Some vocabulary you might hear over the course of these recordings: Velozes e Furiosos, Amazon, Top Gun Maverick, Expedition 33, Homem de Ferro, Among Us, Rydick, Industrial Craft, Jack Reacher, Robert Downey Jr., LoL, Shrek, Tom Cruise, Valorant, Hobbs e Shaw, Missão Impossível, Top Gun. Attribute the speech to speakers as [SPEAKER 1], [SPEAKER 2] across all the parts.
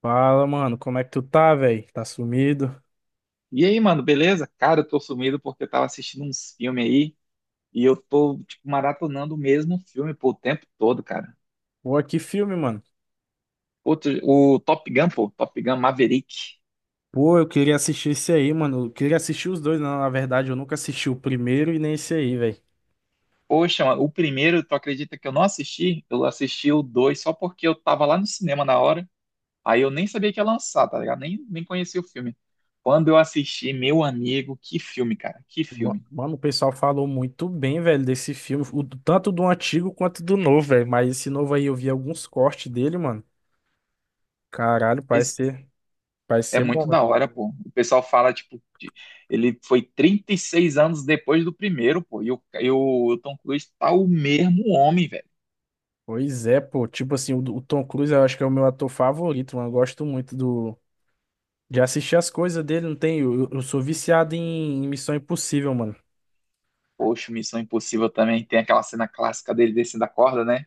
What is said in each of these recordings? [SPEAKER 1] Fala, mano, como é que tu tá, velho? Tá sumido?
[SPEAKER 2] E aí, mano, beleza? Cara, eu tô sumido porque eu tava assistindo uns filmes aí e eu tô, tipo, maratonando o mesmo filme, pô, o tempo todo, cara.
[SPEAKER 1] Pô, que filme, mano.
[SPEAKER 2] Outro, o Top Gun, pô, Top Gun Maverick.
[SPEAKER 1] Pô, eu queria assistir esse aí, mano. Eu queria assistir os dois, na verdade, eu nunca assisti o primeiro e nem esse aí, velho.
[SPEAKER 2] Poxa, mano, o primeiro, tu acredita que eu não assisti? Eu assisti o dois só porque eu tava lá no cinema na hora, aí eu nem sabia que ia lançar, tá ligado? Nem conhecia o filme. Quando eu assisti, meu amigo, que filme, cara, que filme.
[SPEAKER 1] Mano, o pessoal falou muito bem, velho, desse filme, tanto do antigo quanto do novo, velho. Mas esse novo aí eu vi alguns cortes dele, mano. Caralho, parece
[SPEAKER 2] Pois.
[SPEAKER 1] ser, parece
[SPEAKER 2] É
[SPEAKER 1] ser bom,
[SPEAKER 2] muito
[SPEAKER 1] velho.
[SPEAKER 2] da hora, pô. O pessoal fala, tipo, ele foi 36 anos depois do primeiro, pô. E o Tom Cruise tá o mesmo homem, velho.
[SPEAKER 1] Pois é, pô. Tipo assim, o Tom Cruise eu acho que é o meu ator favorito, mano. Eu gosto muito de assistir as coisas dele, não tem? Eu sou viciado em Missão Impossível, mano.
[SPEAKER 2] Poxa, Missão Impossível também tem aquela cena clássica dele descendo a corda, né?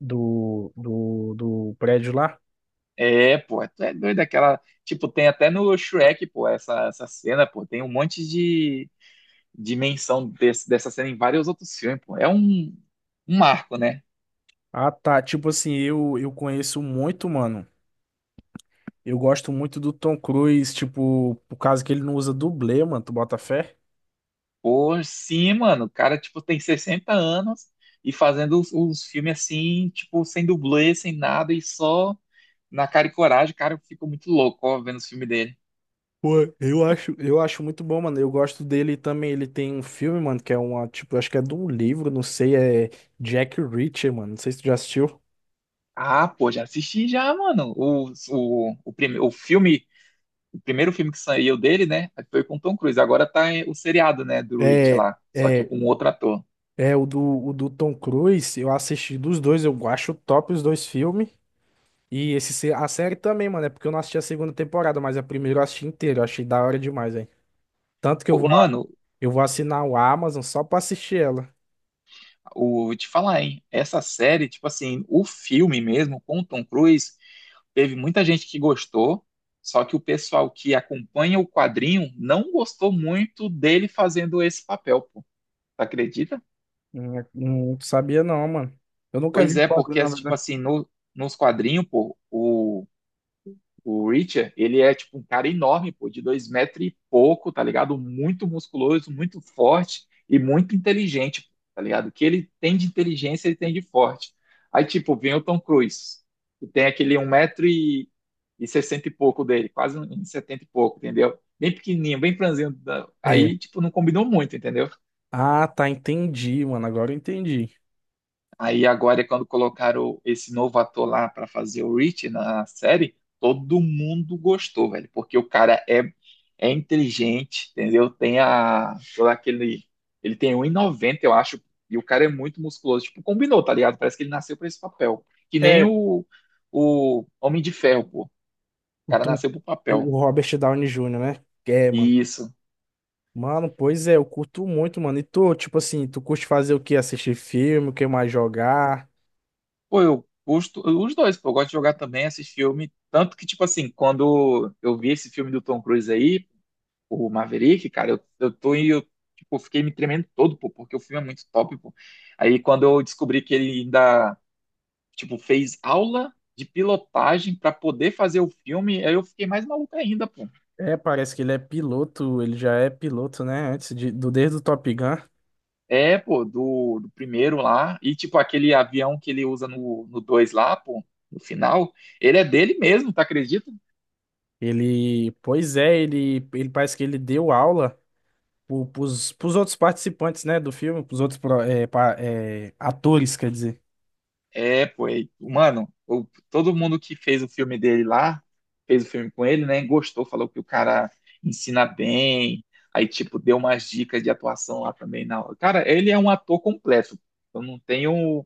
[SPEAKER 1] Do prédio lá?
[SPEAKER 2] É, pô, é, tu é doido aquela. Tipo, tem até no Shrek, pô, essa cena, pô. Tem um monte de dimensão dessa cena em vários outros filmes, pô. É um marco, né?
[SPEAKER 1] Ah, tá. Tipo assim, eu conheço muito, mano. Eu gosto muito do Tom Cruise, tipo, por causa que ele não usa dublê, mano. Tu bota fé?
[SPEAKER 2] Pô, sim, mano. O cara, tipo, tem 60 anos e fazendo os filmes assim, tipo, sem dublê, sem nada e só na cara e coragem. Cara, eu fico muito louco, ó, vendo os filmes dele.
[SPEAKER 1] Pô, eu acho muito bom, mano. Eu gosto dele também. Ele tem um filme, mano, que é uma, tipo, acho que é de um livro, não sei, é Jack Reacher, mano. Não sei se tu já assistiu.
[SPEAKER 2] Ah, pô, já assisti já, mano. O filme, o primeiro filme que saiu dele, né, foi com Tom Cruise. Agora tá o seriado, né, do Rich
[SPEAKER 1] É,
[SPEAKER 2] lá, só que
[SPEAKER 1] é,
[SPEAKER 2] com outro ator.
[SPEAKER 1] é o do Tom Cruise. Eu assisti dos dois, eu acho top os dois filmes. E esse, a série também, mano, é porque eu não assisti a segunda temporada, mas a primeira eu assisti inteira, eu achei da hora demais, velho. Tanto que eu
[SPEAKER 2] Pô,
[SPEAKER 1] vou,
[SPEAKER 2] mano,
[SPEAKER 1] eu vou assinar o Amazon só pra assistir ela.
[SPEAKER 2] vou te falar, hein, essa série, tipo assim, o filme mesmo com o Tom Cruise teve muita gente que gostou, só que o pessoal que acompanha o quadrinho não gostou muito dele fazendo esse papel, pô. Tu acredita?
[SPEAKER 1] Não, não sabia não, mano. Eu nunca vi
[SPEAKER 2] Pois
[SPEAKER 1] o
[SPEAKER 2] é,
[SPEAKER 1] quadro,
[SPEAKER 2] porque,
[SPEAKER 1] na
[SPEAKER 2] tipo
[SPEAKER 1] verdade.
[SPEAKER 2] assim, no, nos quadrinhos, pô, o Richard, ele é tipo um cara enorme, pô, de 2 metros e pouco, tá ligado? Muito musculoso, muito forte e muito inteligente, tá ligado? O que ele tem de inteligência, ele tem de forte. Aí, tipo, vem o Tom Cruise, que tem aquele um metro e sessenta e pouco dele, quase um metro e setenta e pouco, entendeu? Bem pequenininho, bem franzino. Aí,
[SPEAKER 1] É.
[SPEAKER 2] tipo, não combinou muito, entendeu?
[SPEAKER 1] Ah, tá, entendi, mano, agora eu entendi.
[SPEAKER 2] Aí agora, é quando colocaram esse novo ator lá pra fazer o Rich na série, todo mundo gostou, velho, porque o cara é inteligente, entendeu? Tem a, todo aquele, ele tem um e noventa, eu acho, e o cara é muito musculoso, tipo, combinou, tá ligado? Parece que ele nasceu pra esse papel, que nem
[SPEAKER 1] É,
[SPEAKER 2] o Homem de Ferro, pô. O
[SPEAKER 1] o,
[SPEAKER 2] cara
[SPEAKER 1] Tom-
[SPEAKER 2] nasceu pro papel.
[SPEAKER 1] o Robert Downey Jr., né? É, mano.
[SPEAKER 2] E isso.
[SPEAKER 1] Mano, pois é, eu curto muito, mano. E tu, tipo assim, tu curte fazer o quê? Assistir filme, o que mais jogar?
[SPEAKER 2] Pô, eu gosto, os dois, pô, eu gosto de jogar também esses filmes, tanto que, tipo assim, quando eu vi esse filme do Tom Cruise aí, o Maverick, cara, eu tô e eu, tipo, fiquei me tremendo todo, pô, porque o filme é muito top, pô. Aí quando eu descobri que ele ainda, tipo, fez aula de pilotagem pra poder fazer o filme, aí eu fiquei mais maluco ainda, pô.
[SPEAKER 1] É, parece que ele é piloto, ele já é piloto, né? Antes desde o Top Gun.
[SPEAKER 2] É, pô, do primeiro lá, e tipo, aquele avião que ele usa no dois lá, pô, no final, ele é dele mesmo, tá acredita?
[SPEAKER 1] Pois é, ele parece que ele deu aula pros outros participantes, né, do filme, pros outros atores, quer dizer.
[SPEAKER 2] É, pô, e, mano, todo mundo que fez o filme dele lá, fez o filme com ele, né, gostou, falou que o cara ensina bem, aí, tipo, deu umas dicas de atuação lá também. Não, cara, ele é um ator completo, eu não tenho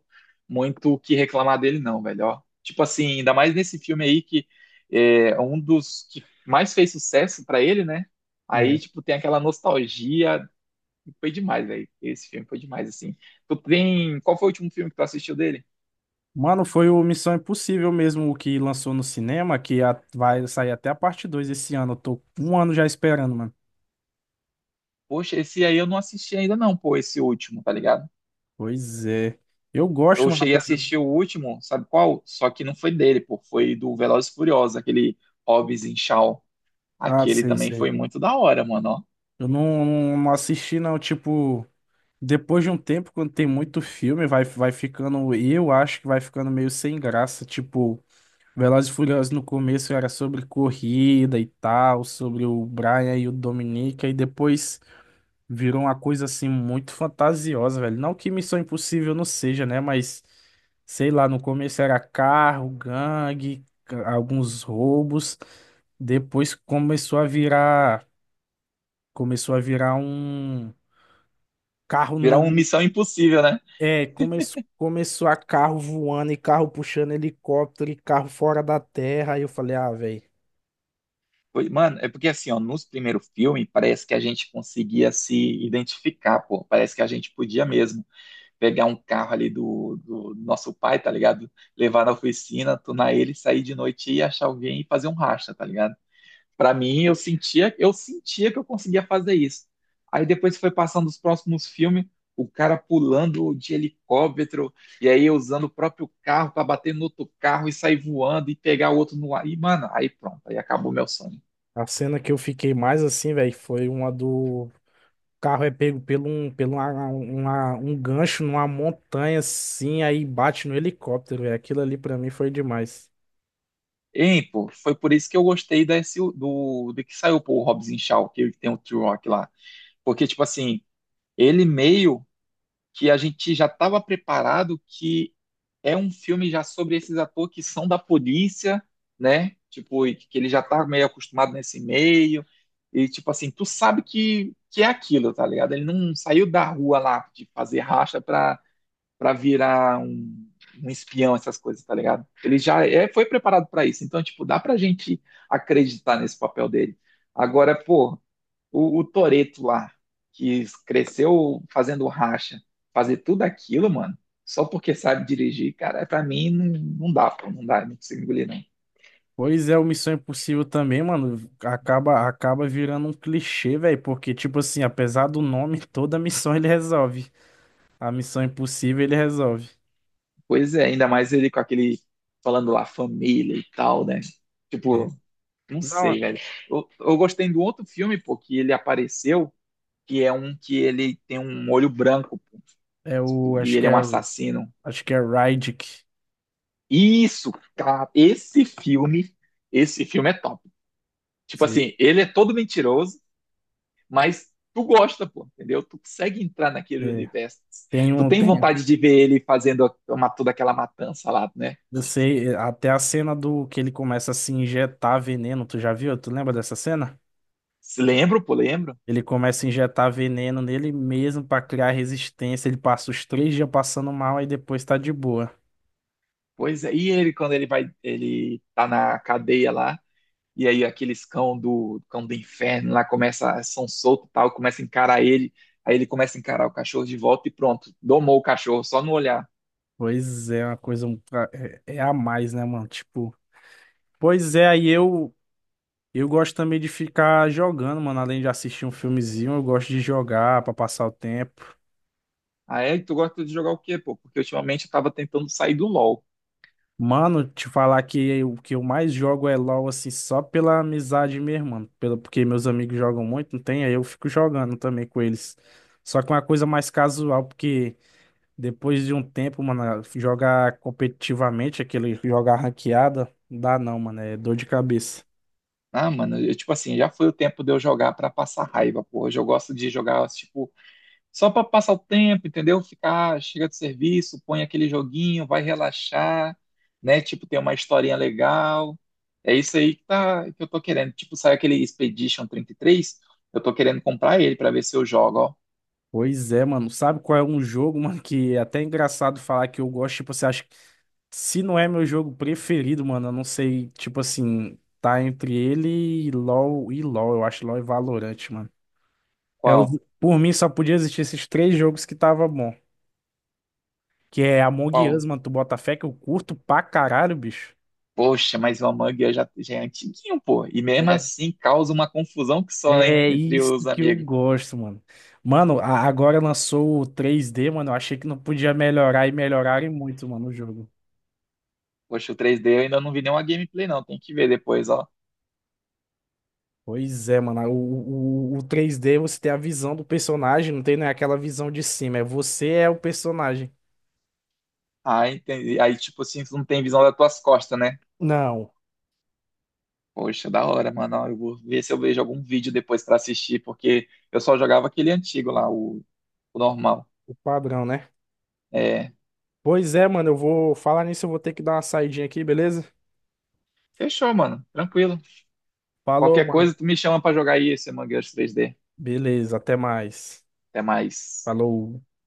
[SPEAKER 2] muito o que reclamar dele, não, velho, ó. Tipo assim, ainda mais nesse filme aí que é um dos que mais fez sucesso pra ele, né, aí,
[SPEAKER 1] É.
[SPEAKER 2] tipo, tem aquela nostalgia, foi demais, velho, esse filme foi demais, assim. Tu tem, qual foi o último filme que tu assistiu dele?
[SPEAKER 1] Mano, foi o Missão Impossível mesmo o que lançou no cinema, que vai sair até a parte 2 esse ano. Eu tô um ano já esperando, mano.
[SPEAKER 2] Poxa, esse aí eu não assisti ainda não, pô, esse último, tá ligado?
[SPEAKER 1] Pois é. Eu gosto,
[SPEAKER 2] Eu
[SPEAKER 1] mano,
[SPEAKER 2] cheguei a
[SPEAKER 1] apesar...
[SPEAKER 2] assistir o último, sabe qual? Só que não foi dele, pô, foi do Velozes e Furiosos, aquele Hobbs em Shaw.
[SPEAKER 1] Ah,
[SPEAKER 2] Aquele
[SPEAKER 1] sei,
[SPEAKER 2] também foi
[SPEAKER 1] sei.
[SPEAKER 2] muito da hora, mano, ó.
[SPEAKER 1] Eu não assisti, não, tipo... Depois de um tempo, quando tem muito filme, vai ficando... Eu acho que vai ficando meio sem graça, tipo... Velozes e Furiosos no começo era sobre corrida e tal, sobre o Brian e o Dominica, e depois virou uma coisa assim muito fantasiosa, velho. Não que Missão Impossível não seja, né? Mas sei lá, no começo era carro, gangue, alguns roubos. Depois começou a virar um carro
[SPEAKER 2] Virar uma
[SPEAKER 1] no,
[SPEAKER 2] missão impossível, né?
[SPEAKER 1] é, começou começou a carro voando e carro puxando helicóptero e carro fora da terra. Aí eu falei, ah, velho.
[SPEAKER 2] Mano, é porque assim, ó, nos primeiros filmes parece que a gente conseguia se identificar, pô. Parece que a gente podia mesmo pegar um carro ali do nosso pai, tá ligado? Levar na oficina, tunar ele, sair de noite e achar alguém e fazer um racha, tá ligado? Para mim, eu sentia que eu conseguia fazer isso. Aí depois foi passando os próximos filmes, o cara pulando de helicóptero e aí usando o próprio carro para bater no outro carro e sair voando e pegar o outro no ar. E, mano, aí pronto, aí acabou meu sonho.
[SPEAKER 1] A cena que eu fiquei mais assim, velho, foi uma do o carro é pego pelo um um gancho numa montanha assim, aí bate no helicóptero, velho. Aquilo ali pra mim foi demais.
[SPEAKER 2] Hein, pô, foi por isso que eu gostei desse, do que saiu, pô, o Hobbs e Shaw, que tem o T-Rock lá. Porque, tipo assim, ele meio que a gente já estava preparado que é um filme já sobre esses atores que são da polícia, né? Tipo, e que ele já tá meio acostumado nesse meio. E, tipo assim, tu sabe que é aquilo, tá ligado? Ele não saiu da rua lá de fazer racha pra virar um espião, essas coisas, tá ligado? Ele já foi preparado pra isso. Então, tipo, dá pra gente acreditar nesse papel dele. Agora, pô, o Toreto lá, que cresceu fazendo racha, fazer tudo aquilo, mano, só porque sabe dirigir, cara, pra mim não, não dá, pô, não dá, não consigo engolir, não.
[SPEAKER 1] Pois é, o Missão Impossível também, mano, acaba virando um clichê, velho, porque tipo assim, apesar do nome, toda missão ele resolve. A Missão Impossível ele resolve.
[SPEAKER 2] Pois é, ainda mais ele com aquele, falando lá, família e tal, né?
[SPEAKER 1] É.
[SPEAKER 2] Tipo, não
[SPEAKER 1] Não,
[SPEAKER 2] sei, velho. Eu gostei do outro filme, pô, que ele apareceu, que é um que ele tem um olho branco, pô,
[SPEAKER 1] é o
[SPEAKER 2] e
[SPEAKER 1] acho
[SPEAKER 2] ele
[SPEAKER 1] que
[SPEAKER 2] é um
[SPEAKER 1] é
[SPEAKER 2] assassino.
[SPEAKER 1] acho que é Rydick.
[SPEAKER 2] Isso, cara, esse filme é top. Tipo
[SPEAKER 1] Sei.
[SPEAKER 2] assim, ele é todo mentiroso, mas tu gosta, pô, entendeu? Tu consegue entrar naquele
[SPEAKER 1] É.
[SPEAKER 2] universo.
[SPEAKER 1] Tem
[SPEAKER 2] Tu
[SPEAKER 1] um
[SPEAKER 2] tem
[SPEAKER 1] tem
[SPEAKER 2] vontade de ver ele fazendo uma, toda aquela matança lá, né?
[SPEAKER 1] Eu sei, até a cena do que ele começa a se injetar veneno, tu já viu? Tu lembra dessa cena?
[SPEAKER 2] Se lembro, pô, lembro.
[SPEAKER 1] Ele começa a injetar veneno nele mesmo pra criar resistência. Ele passa os 3 dias passando mal e depois tá de boa.
[SPEAKER 2] Pois é, e ele quando ele vai, ele tá na cadeia lá, e aí aqueles cão do inferno lá começa, são solto e tal, começa a encarar ele, aí ele começa a encarar o cachorro de volta e pronto, domou o cachorro só no olhar.
[SPEAKER 1] Pois é, uma coisa é a mais, né, mano? Tipo, pois é, aí eu gosto também de ficar jogando, mano. Além de assistir um filmezinho, eu gosto de jogar pra passar o tempo.
[SPEAKER 2] Aí tu gosta de jogar o quê, pô? Porque ultimamente eu tava tentando sair do LoL.
[SPEAKER 1] Mano, te falar que o que eu mais jogo é LoL, assim, só pela amizade mesmo, mano. Porque meus amigos jogam muito, não tem? Aí eu fico jogando também com eles. Só que uma coisa mais casual, porque depois de um tempo, mano, jogar competitivamente, aquele jogar ranqueada, não dá não, mano, é dor de cabeça.
[SPEAKER 2] Ah, mano, eu, tipo assim, já foi o tempo de eu jogar pra passar raiva, pô. Hoje eu gosto de jogar, tipo, só pra passar o tempo, entendeu? Ficar, chega do serviço, põe aquele joguinho, vai relaxar, né? Tipo, tem uma historinha legal. É isso aí que, tá, que eu tô querendo. Tipo, sai aquele Expedition 33, eu tô querendo comprar ele pra ver se eu jogo, ó.
[SPEAKER 1] Pois é, mano. Sabe qual é um jogo, mano, que é até engraçado falar que eu gosto, tipo, você acha, se não é meu jogo preferido, mano, eu não sei, tipo assim, tá entre ele e LoL, eu acho LoL e Valorant, mano. É
[SPEAKER 2] Qual?
[SPEAKER 1] por mim só podia existir esses três jogos que tava bom, que é Among Us,
[SPEAKER 2] Qual?
[SPEAKER 1] mano, tu bota fé que eu curto pra caralho, bicho.
[SPEAKER 2] Poxa, mas o Among Us já é antiguinho, pô. E mesmo
[SPEAKER 1] É,
[SPEAKER 2] assim causa uma confusão que só
[SPEAKER 1] é
[SPEAKER 2] entre os
[SPEAKER 1] isso que eu
[SPEAKER 2] amigos.
[SPEAKER 1] gosto, mano. Mano, agora lançou o 3D, mano, eu achei que não podia melhorar e melhorarem muito, mano, o jogo.
[SPEAKER 2] Poxa, o 3D eu ainda não vi nenhuma gameplay, não. Tem que ver depois, ó.
[SPEAKER 1] Pois é, mano. O 3D você tem a visão do personagem, não tem, né, aquela visão de cima. É você é o personagem.
[SPEAKER 2] Ah, entendi. Aí, tipo assim, tu não tem visão das tuas costas, né?
[SPEAKER 1] Não,
[SPEAKER 2] Poxa, da hora, mano. Ó, eu vou ver se eu vejo algum vídeo depois pra assistir, porque eu só jogava aquele antigo lá, o normal.
[SPEAKER 1] o padrão, né?
[SPEAKER 2] É.
[SPEAKER 1] Pois é, mano. Eu vou falar nisso, eu vou ter que dar uma saidinha aqui, beleza?
[SPEAKER 2] Fechou, mano. Tranquilo.
[SPEAKER 1] Falou,
[SPEAKER 2] Qualquer coisa,
[SPEAKER 1] mano.
[SPEAKER 2] tu me chama pra jogar aí esse Among Us 3D.
[SPEAKER 1] Beleza, até mais.
[SPEAKER 2] Até mais.
[SPEAKER 1] Falou.